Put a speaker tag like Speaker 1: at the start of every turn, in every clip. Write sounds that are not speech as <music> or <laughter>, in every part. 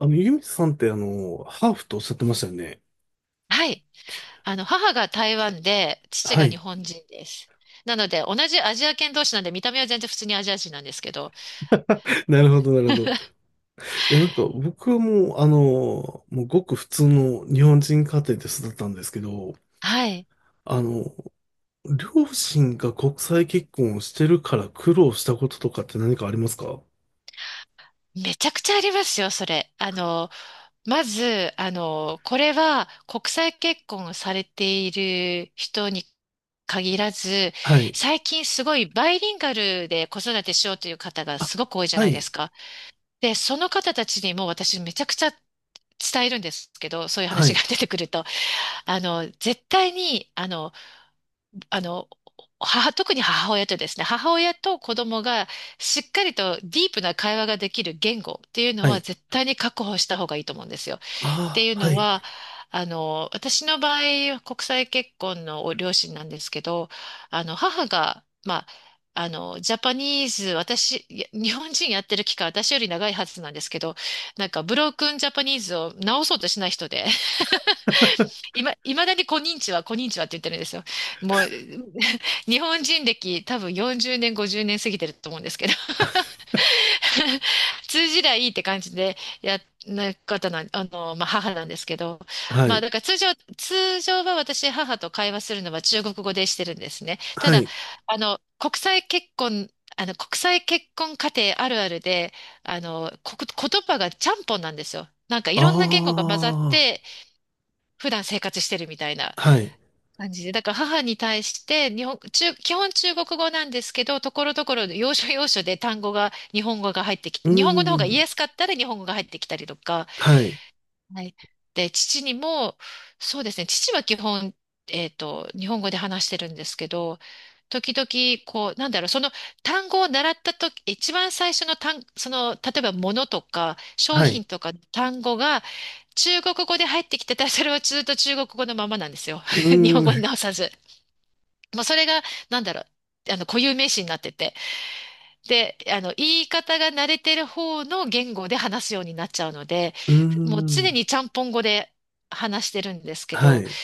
Speaker 1: ゆみさんってハーフとおっしゃってましたよね。
Speaker 2: はい。母が台湾で、父
Speaker 1: は
Speaker 2: が日
Speaker 1: い。
Speaker 2: 本人です。なので、同じアジア圏同士なんで、見た目は全然普通にアジア人なんですけど、
Speaker 1: <laughs> なるほど、なるほど。いや、なんか僕はもうごく普通の日本人家庭で育ったんですけど、
Speaker 2: はい。
Speaker 1: あの、両親が国際結婚をしてるから苦労したこととかって何かありますか？
Speaker 2: めちゃくちゃありますよ、それ。まず、これは国際結婚をされている人に限らず、
Speaker 1: はい。
Speaker 2: 最近すごいバイリンガルで子育てしようという方がすごく多いじゃ
Speaker 1: は
Speaker 2: ないで
Speaker 1: い。
Speaker 2: すか。で、その方たちにも私めちゃくちゃ伝えるんですけど、そういう
Speaker 1: は
Speaker 2: 話が
Speaker 1: い。
Speaker 2: 出てくると。あの、絶対に、あの、母、特に母親とですね、母親と子供がしっかりとディープな会話ができる言語っていうの
Speaker 1: は
Speaker 2: は
Speaker 1: い。
Speaker 2: 絶対に確保した方がいいと思うんですよ。って
Speaker 1: あ
Speaker 2: いう
Speaker 1: あ、は
Speaker 2: の
Speaker 1: い。
Speaker 2: は、私の場合、国際結婚の両親なんですけど、あの、母が、まあ、ジャパニーズ、私、いや日本人やってる期間、私より長いはずなんですけど、なんか、ブロークンジャパニーズを直そうとしない人で、
Speaker 1: <laughs>
Speaker 2: いまだにこんにちは、こんにちはって言ってるんですよ。もう、<laughs> 日本人歴多分40年、50年過ぎてると思うんですけど、<laughs> 通じりゃいいって感じでやな方なん、まあ、母なんですけど、
Speaker 1: は
Speaker 2: まあ、
Speaker 1: い。
Speaker 2: だから通常、通常は私、母と会話するのは中国語でしてるんですね。た
Speaker 1: は
Speaker 2: だ、
Speaker 1: い。
Speaker 2: あの、国際結婚、あの、国際結婚家庭あるあるで、あの、言葉がちゃんぽんなんですよ。なんかいろんな言語が
Speaker 1: あ
Speaker 2: 混ざって、普段生活してるみたいな
Speaker 1: あ、はい。
Speaker 2: 感じで。だから母に対して日本、中、基本中国語なんですけど、ところどころで要所要所で単語が、日本語が入ってき
Speaker 1: う
Speaker 2: て、
Speaker 1: ー
Speaker 2: 日本語の方が言い
Speaker 1: ん。
Speaker 2: やすかったら日本語が入ってきたりとか、
Speaker 1: はい。
Speaker 2: はい。で、父にも、そうですね、父は基本、日本語で話してるんですけど、時々、こう、なんだろう、その単語を習ったとき、一番最初のその、例えば物とか商
Speaker 1: はい。
Speaker 2: 品とか単語が中国語で入ってきてたら、それはずっと中国語のままなんですよ。
Speaker 1: う
Speaker 2: <laughs> 日本
Speaker 1: ー
Speaker 2: 語に
Speaker 1: ん。
Speaker 2: 直さず。まあ、それが、なんだろう、固有名詞になってて。で、あの、言い方が慣れてる方の言語で話すようになっちゃうので、
Speaker 1: うー
Speaker 2: もう常
Speaker 1: ん。
Speaker 2: にちゃんぽん語で話してるんですけ
Speaker 1: は
Speaker 2: ど、
Speaker 1: い。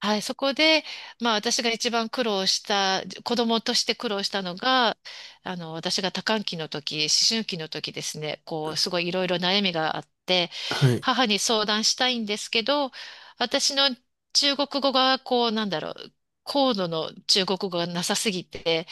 Speaker 2: はい、そこで、まあ私が一番苦労した、子供として苦労したのが、私が多感期の時、思春期の時ですね、こう、すごいいろいろ悩みがあって、
Speaker 1: はい。
Speaker 2: 母に相談したいんですけど、私の中国語が、こう、なんだろう、高度の中国語がなさすぎて、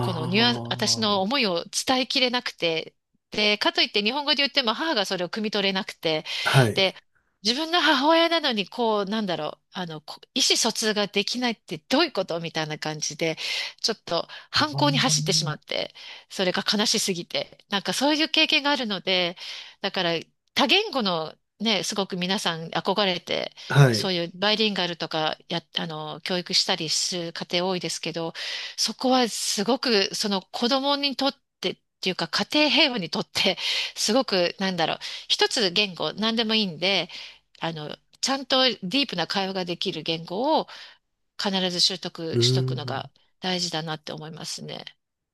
Speaker 2: このニュアンス、私の思いを伝えきれなくて、で、かといって日本語で言っても母がそれを汲み取れなくて、
Speaker 1: あ、はい。
Speaker 2: で、自分の母親なのに、こう、なんだろう、あの、意思疎通ができないってどういうことみたいな感じで、ちょっと
Speaker 1: あ
Speaker 2: 反
Speaker 1: ー
Speaker 2: 抗に走ってしまって、それが悲しすぎて、なんかそういう経験があるので、だから多言語の、ね、すごく皆さん憧れて、
Speaker 1: は
Speaker 2: そ
Speaker 1: い。
Speaker 2: ういうバイリンガルとかや、教育したりする家庭多いですけど、そこはすごく、その子供にとってっていうか、家庭平和にとって、<laughs> すごく、なんだろう、一つ言語、何でもいいんで、ちゃんとディープな会話ができる言語を必ず習
Speaker 1: う
Speaker 2: 得しと
Speaker 1: ー
Speaker 2: くの
Speaker 1: ん。
Speaker 2: が大事だなって思いますね。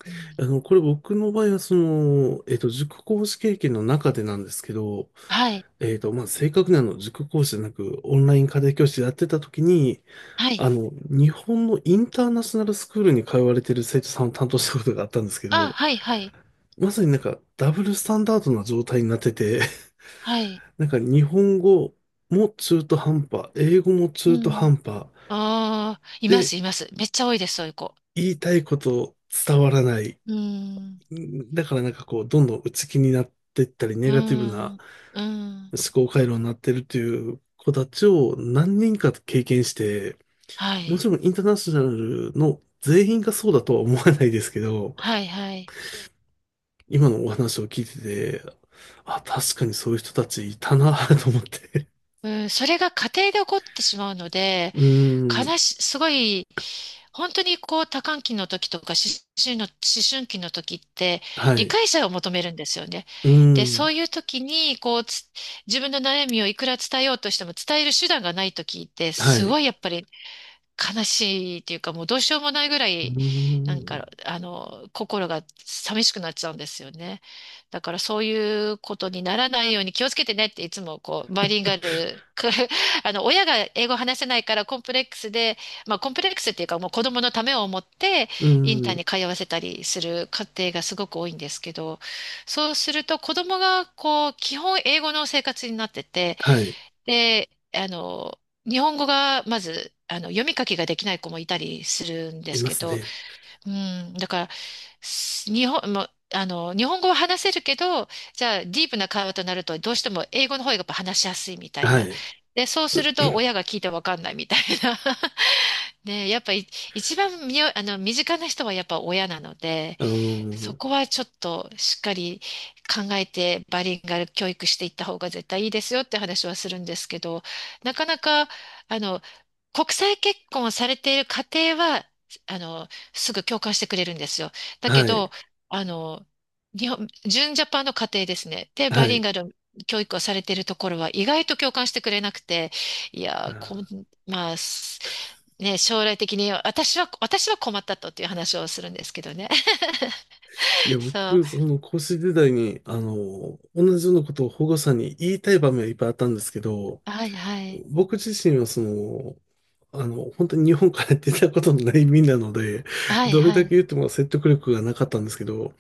Speaker 2: うん、
Speaker 1: これ僕の場合は、塾講師経験の中でなんですけど、
Speaker 2: はい、
Speaker 1: まあ、正確に塾講師じゃなく、オンライン家庭教師やってた時に、
Speaker 2: はい。
Speaker 1: 日本のインターナショナルスクールに通われてる生徒さんを担当したことがあったんですけ
Speaker 2: あ、
Speaker 1: ど、
Speaker 2: はい、はい、
Speaker 1: まさになんか、ダブルスタンダードな状態になってて、
Speaker 2: はい。
Speaker 1: <laughs> なんか、日本語も中途半端、英語も
Speaker 2: う
Speaker 1: 中途
Speaker 2: ん。
Speaker 1: 半端、
Speaker 2: ああ、いま
Speaker 1: で、
Speaker 2: す、います。めっちゃ多いです、そういう子。
Speaker 1: 言いたいこと伝わらない。
Speaker 2: うん、
Speaker 1: うんだからなんかこう、どんどん内気になっていったり、ネ
Speaker 2: う
Speaker 1: ガティブな
Speaker 2: ん、うん。
Speaker 1: 思考回路になってるという子たちを何人か経験して、
Speaker 2: は
Speaker 1: も
Speaker 2: い、
Speaker 1: ちろんインターナショナルの全員がそうだとは思わないですけど、
Speaker 2: はい、はい。
Speaker 1: 今のお話を聞いてて、あ、確かにそういう人たちいたな <laughs> と思って。
Speaker 2: うん、それが家庭で起こってしまうので、
Speaker 1: うーん、
Speaker 2: 悲し、すごい、本当にこう多感期の時とか思春期の時って
Speaker 1: は
Speaker 2: 理
Speaker 1: い。う
Speaker 2: 解者を求めるんですよね。
Speaker 1: ー
Speaker 2: で、そ
Speaker 1: ん、
Speaker 2: ういう時にこう、自分の悩みをいくら伝えようとしても伝える手段がない時って
Speaker 1: は
Speaker 2: すご
Speaker 1: い。
Speaker 2: いやっぱり悲しいっていうか、もうどうしようもないぐら
Speaker 1: うー
Speaker 2: い、なん
Speaker 1: ん、
Speaker 2: か、心が寂しくなっちゃうんですよね。だからそういうことにならないように気をつけてねっていつもこう、バイリンガル、く <laughs> 親が英語話せないからコンプレックスで、まあコンプレックスっていうかもう子供のためを思って
Speaker 1: うー
Speaker 2: インター
Speaker 1: ん、
Speaker 2: に通わせたりする家庭がすごく多いんですけど、そうすると子供がこう、基本英語の生活になってて、
Speaker 1: はい。
Speaker 2: で、日本語がまず、読み書きができない子もいたりするんで
Speaker 1: い
Speaker 2: す
Speaker 1: ま
Speaker 2: け
Speaker 1: す
Speaker 2: ど、
Speaker 1: ね。
Speaker 2: うん、だから、す日本、もうあの、日本語は話せるけど、じゃあ、ディープな会話となると、どうしても英語の方がやっぱ話しやすいみたい
Speaker 1: は
Speaker 2: な。
Speaker 1: い。
Speaker 2: で、そうすると、親が聞いてわかんないみたいな。<laughs> で、やっぱり、一番みよ、あの、身近な人はやっぱ親なので、
Speaker 1: うー
Speaker 2: そ
Speaker 1: ん、
Speaker 2: こはちょっとしっかり考えてバリンガル教育していった方が絶対いいですよって話はするんですけど、なかなか、あの、国際結婚をされている家庭は、すぐ共感してくれるんですよ。だけ
Speaker 1: は
Speaker 2: ど、
Speaker 1: い。
Speaker 2: あの、日本、純ジャパンの家庭ですね。で、バ
Speaker 1: は
Speaker 2: リリン
Speaker 1: い。
Speaker 2: ガル教育をされているところは意外と共感してくれなくて、いやー、まあ、将来的に私は困ったとっていう話をするんですけどね。<laughs>
Speaker 1: いや、
Speaker 2: そ
Speaker 1: 僕、
Speaker 2: う。
Speaker 1: その講師時代に、同じようなことを保護者に言いたい場面はいっぱいあったんですけど、
Speaker 2: はいはい。
Speaker 1: 僕自身は本当に日本から出たことのない身なので、
Speaker 2: はい
Speaker 1: どれ
Speaker 2: は
Speaker 1: だ
Speaker 2: い。
Speaker 1: け言っても説得力がなかったんですけど、や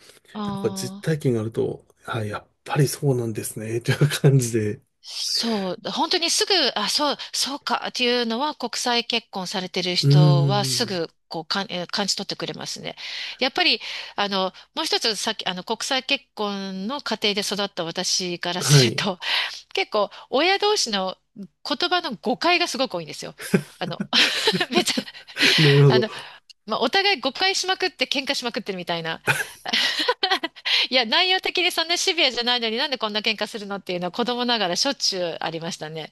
Speaker 1: っぱ実
Speaker 2: ああ、
Speaker 1: 体験があると、はい、やっぱりそうなんですね、という感じで。
Speaker 2: そう。本当にすぐ、あ、そう、そうかっていうのは国際結婚されてる
Speaker 1: うー
Speaker 2: 人はす
Speaker 1: ん。
Speaker 2: ぐこうかん、えー感じ取ってくれますね。やっぱり、あの、もう一つさっき、国際結婚の家庭で育った私から
Speaker 1: は
Speaker 2: する
Speaker 1: い。
Speaker 2: と、<laughs> 結構親同士の言葉の誤解がすごく多いんですよ。あの、<laughs> めっちゃ、
Speaker 1: <laughs> なるほ
Speaker 2: あ
Speaker 1: ど。
Speaker 2: の、まあ、お互い誤解しまくって喧嘩しまくってるみたいな。<laughs> いや、内容的にそんなシビアじゃないのになんでこんな喧嘩するのっていうのは子供ながらしょっちゅうありましたね。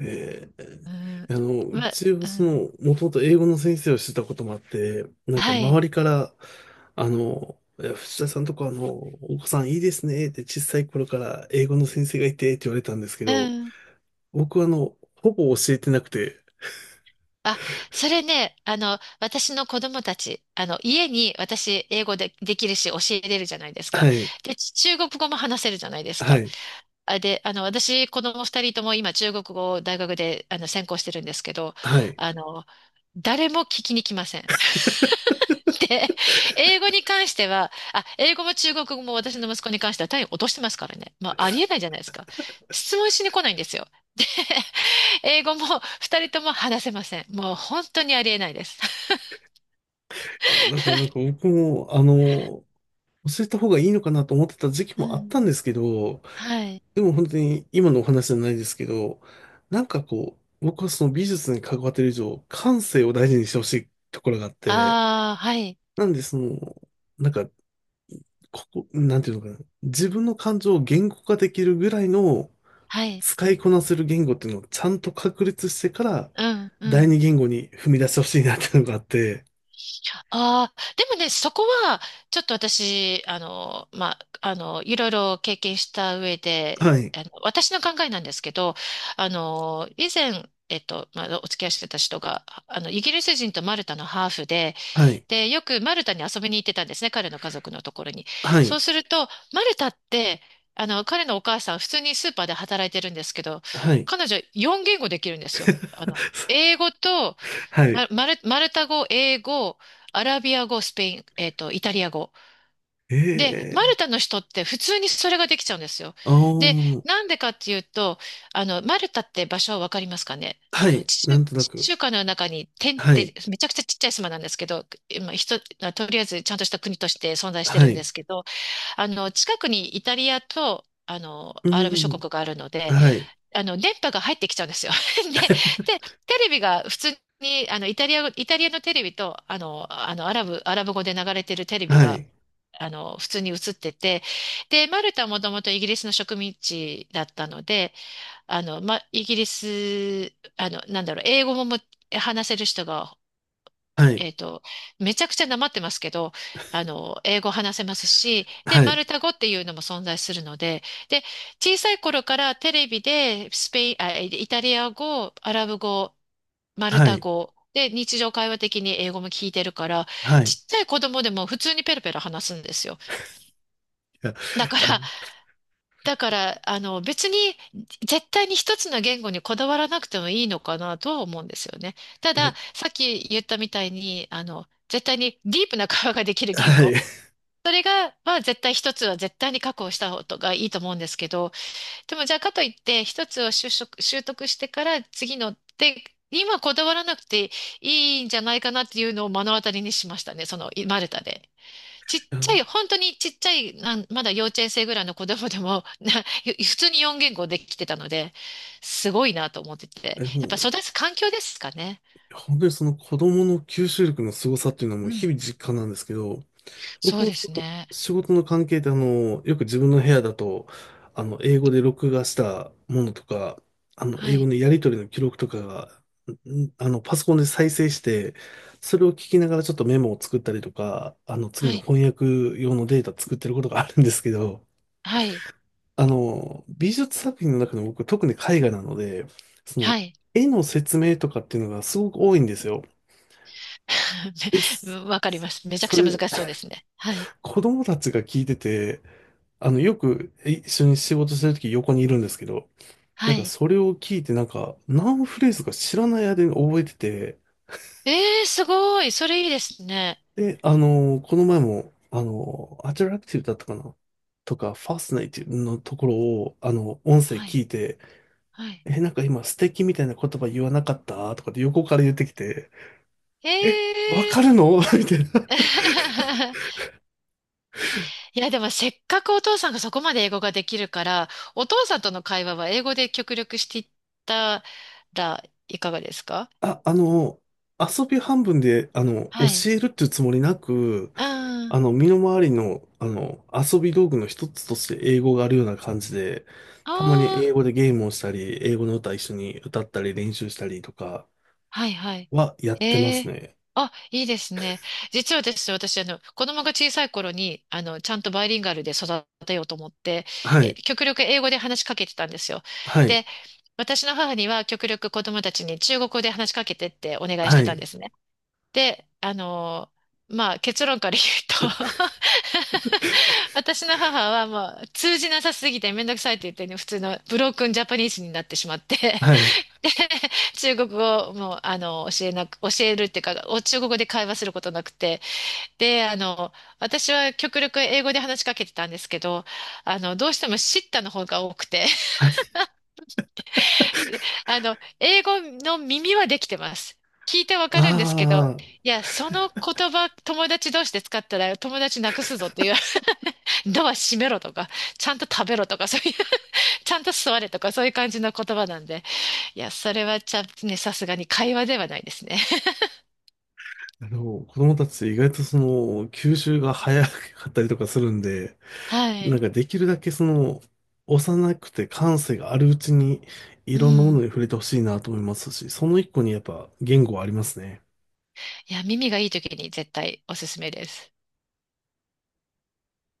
Speaker 1: え
Speaker 2: うん。
Speaker 1: え、う
Speaker 2: ま、
Speaker 1: ちは
Speaker 2: うん。
Speaker 1: もともと英語の先生をしてたこともあって、なんか
Speaker 2: は
Speaker 1: 周
Speaker 2: い。
Speaker 1: りから、いや藤田さんとかお子さんいいですねって小さい頃から英語の先生がいてって言われたんですけ
Speaker 2: う
Speaker 1: ど、
Speaker 2: ん。
Speaker 1: 僕はほぼ教えてなくて、
Speaker 2: あ、それね、私の子供たち、家に私英語で、できるし教えれるじゃないです
Speaker 1: は
Speaker 2: か。
Speaker 1: い、
Speaker 2: で、ち中国語も話せるじゃないです
Speaker 1: は
Speaker 2: か。
Speaker 1: い、
Speaker 2: あ、で、あの、私、子供二人とも今中国語を大学で、専攻してるんですけど、
Speaker 1: はい。
Speaker 2: あの、誰も聞きに来ません。で、英語に関しては、あ、英語も中国語も私の息子に関しては単位落としてますからね。まあ、ありえないじゃないですか。質問しに来ないんですよ。で、<laughs> 英語も二人とも話せません。もう本当にありえないです。
Speaker 1: だからなんか僕も、教えた方がいいのかなと思ってた時期
Speaker 2: う
Speaker 1: もあった
Speaker 2: ん。
Speaker 1: んですけど、
Speaker 2: はい。
Speaker 1: でも本当に今のお話じゃないですけど、なんかこう、僕はその美術に関わってる以上、感性を大事にしてほしいところがあって、
Speaker 2: ああ、はい。
Speaker 1: なんでなんか、ここ、なんていうのかな、自分の感情を言語化できるぐらいの
Speaker 2: はい。
Speaker 1: 使いこなせる言語っていうのをちゃんと確立してから、
Speaker 2: うん、う
Speaker 1: 第
Speaker 2: ん。
Speaker 1: 二言語に踏み出してほしいなっていうのがあって、
Speaker 2: ああ、でもね、そこは、ちょっと私、いろいろ経験した上で、
Speaker 1: はい、
Speaker 2: 私の考えなんですけど、あの、以前、お付き合いしてた人が、イギリス人とマルタのハーフで、
Speaker 1: はい、
Speaker 2: で、よくマルタに遊びに行ってたんですね、彼の家族のところに。
Speaker 1: は
Speaker 2: そう
Speaker 1: い、
Speaker 2: すると、マルタって、彼のお母さん、普通にスーパーで働いてるんですけど、
Speaker 1: はい。
Speaker 2: 彼女、4言語できるんですよ。
Speaker 1: <laughs>
Speaker 2: 英語と、
Speaker 1: はい。
Speaker 2: マルタ語、英語、アラビア語、スペイン、えっと、イタリア語。で、マ
Speaker 1: え
Speaker 2: ル
Speaker 1: え
Speaker 2: タの人って普通にそれができちゃうんですよ。
Speaker 1: ああ
Speaker 2: で、
Speaker 1: ー、
Speaker 2: なんでかっていうと、マルタって場所はわかりますかね。
Speaker 1: はい、なんとな
Speaker 2: 地
Speaker 1: く。
Speaker 2: 中海の中に点っ
Speaker 1: はい。
Speaker 2: てめちゃくちゃちっちゃい島なんですけど、今、とりあえずちゃんとした国として存在して
Speaker 1: は
Speaker 2: るんで
Speaker 1: い。
Speaker 2: すけど、近くにイタリアと、
Speaker 1: う
Speaker 2: アラブ
Speaker 1: ー
Speaker 2: 諸
Speaker 1: ん。
Speaker 2: 国があるので、
Speaker 1: はい。
Speaker 2: 電波が入ってきちゃうんですよ。<laughs> で、
Speaker 1: <laughs>
Speaker 2: で、テレビが普通に、イタリアのテレビと、アラブ語で流れてるテレビ
Speaker 1: は
Speaker 2: が、
Speaker 1: い。
Speaker 2: 普通に映ってて、で、マルタはもともとイギリスの植民地だったので、あの、ま、イギリス、あの、なんだろう、英語も話せる人が
Speaker 1: はい。
Speaker 2: えっと、めちゃくちゃなまってますけど、英語話せますし、で、
Speaker 1: は
Speaker 2: マ
Speaker 1: い。
Speaker 2: ルタ語っていうのも存在するので、で、小さい頃からテレビでスペイン、あ、イタリア語、アラブ語、マル
Speaker 1: は
Speaker 2: タ
Speaker 1: い。
Speaker 2: 語、で、日常会話的に英語も聞いてるから、
Speaker 1: はい。い
Speaker 2: ちっちゃい子供でも普通にペラペラ話すんですよ。
Speaker 1: や、
Speaker 2: だか
Speaker 1: あ、
Speaker 2: ら、だから、別に、絶対に一つの言語にこだわらなくてもいいのかなとは思うんですよね。た
Speaker 1: いや、
Speaker 2: だ、さっき言ったみたいに、絶対にディープな会話ができる言
Speaker 1: はい。
Speaker 2: 語。それが、まあ絶対一つは絶対に確保した方がいいと思うんですけど、でもじゃあかといって、一つを習得、習得してから次のって、今こだわらなくていいんじゃないかなっていうのを目の当たりにしましたね。その、マルタで。ちっ
Speaker 1: <laughs> あ
Speaker 2: ちゃ
Speaker 1: の、
Speaker 2: い、本当にちっちゃい、まだ幼稚園生ぐらいの子供でも、<laughs> 普通に4言語できてたので、すごいなと思ってて。
Speaker 1: も
Speaker 2: やっぱ
Speaker 1: う、
Speaker 2: 育つ環境ですかね。
Speaker 1: 本当にその子供の吸収力の凄さっていうのは
Speaker 2: う
Speaker 1: もう日々
Speaker 2: ん。
Speaker 1: 実感なんですけど、
Speaker 2: そ
Speaker 1: 僕
Speaker 2: う
Speaker 1: も
Speaker 2: で
Speaker 1: そ
Speaker 2: す
Speaker 1: の
Speaker 2: ね。
Speaker 1: 仕事の関係で、よく自分の部屋だと、英語で録画したものとか、
Speaker 2: は
Speaker 1: 英語
Speaker 2: い、
Speaker 1: のやり取りの記録とかが、パソコンで再生して、それを聞きながらちょっとメモを作ったりとか、次
Speaker 2: は
Speaker 1: の
Speaker 2: い、
Speaker 1: 翻訳用のデータ作ってることがあるんですけど、
Speaker 2: はい、
Speaker 1: 美術作品の中でも僕、特に絵画なので、その、
Speaker 2: はい。
Speaker 1: 絵の説明とかっていうのがすごく多いんですよ。で
Speaker 2: <laughs>
Speaker 1: す。
Speaker 2: わかります。めちゃく
Speaker 1: そ
Speaker 2: ちゃ難
Speaker 1: れ、
Speaker 2: しそうですね。はい、
Speaker 1: 子供たちが聞いてて、よく一緒に仕事してるとき横にいるんですけど、
Speaker 2: は
Speaker 1: なんか
Speaker 2: い。
Speaker 1: それを聞いてなんか何フレーズか知らない間に覚えてて、
Speaker 2: ええー、すごい。それいいですね。
Speaker 1: で、この前も、アトラクティブだったかなとか、ファスナイティブのところを、音声
Speaker 2: は
Speaker 1: 聞
Speaker 2: い、
Speaker 1: いて、
Speaker 2: はい。
Speaker 1: え、なんか今素敵みたいな言葉言わなかったとかって横から言ってきて、
Speaker 2: え
Speaker 1: え、わ
Speaker 2: え
Speaker 1: かる
Speaker 2: ー。
Speaker 1: の <laughs> みたいな。
Speaker 2: <laughs> いや、でもせっかくお父さんがそこまで英語ができるから、お父さんとの会話は英語で極力していったらいかがですか。
Speaker 1: あ、遊び半分で、
Speaker 2: はい。
Speaker 1: 教えるっていうつもりなく、
Speaker 2: あ
Speaker 1: 身の回りの、遊び道具の一つとして英語があるような感じで、
Speaker 2: あ、
Speaker 1: たまに
Speaker 2: あ
Speaker 1: 英
Speaker 2: あ、
Speaker 1: 語でゲームをしたり、英語の歌一緒に歌ったり練習したりとか
Speaker 2: はいはい。
Speaker 1: はやってま
Speaker 2: え
Speaker 1: す
Speaker 2: え、
Speaker 1: ね。
Speaker 2: あ、いいですね。実はですね、私、子供が小さい頃に、ちゃんとバイリンガルで育てようと思って、
Speaker 1: は
Speaker 2: え、
Speaker 1: い、
Speaker 2: 極力英語で話しかけてたんですよ。
Speaker 1: はい、
Speaker 2: で、私の母には極力子供たちに中国語で話しかけてってお願いし
Speaker 1: は
Speaker 2: てたんで
Speaker 1: い、
Speaker 2: すね。で、まあ結論から言うと、 <laughs> 私の母はもう通じなさすぎてめんどくさいって言ってね、普通のブロークンジャパニーズになってしまって、
Speaker 1: はい、
Speaker 2: <laughs> で中国語をもう教えるっていうか、中国語で会話することなくて、で、私は極力英語で話しかけてたんですけど、どうしてもシッタの方が多くて、
Speaker 1: はい。
Speaker 2: で、英語の耳はできてます。聞いてわか
Speaker 1: あ
Speaker 2: るんですけど、いや、その言葉、友達同士で使ったら友達なくすぞっていう、<laughs> ドア閉めろとか、ちゃんと食べろとか、そういう、ちゃんと座れとか、そういう感じの言葉なんで、いや、それはちゃんとね、さすがに会話ではないですね。<laughs>
Speaker 1: あ、子供たち意外と吸収が早かったりとかするんで、
Speaker 2: は
Speaker 1: なん
Speaker 2: い。
Speaker 1: かできるだけ幼くて感性があるうちに、い
Speaker 2: う
Speaker 1: ろんなもの
Speaker 2: ん。
Speaker 1: に触れてほしいなと思いますし、その一個にやっぱ言語はありますね。
Speaker 2: いや、耳がいい時に絶対おすすめです。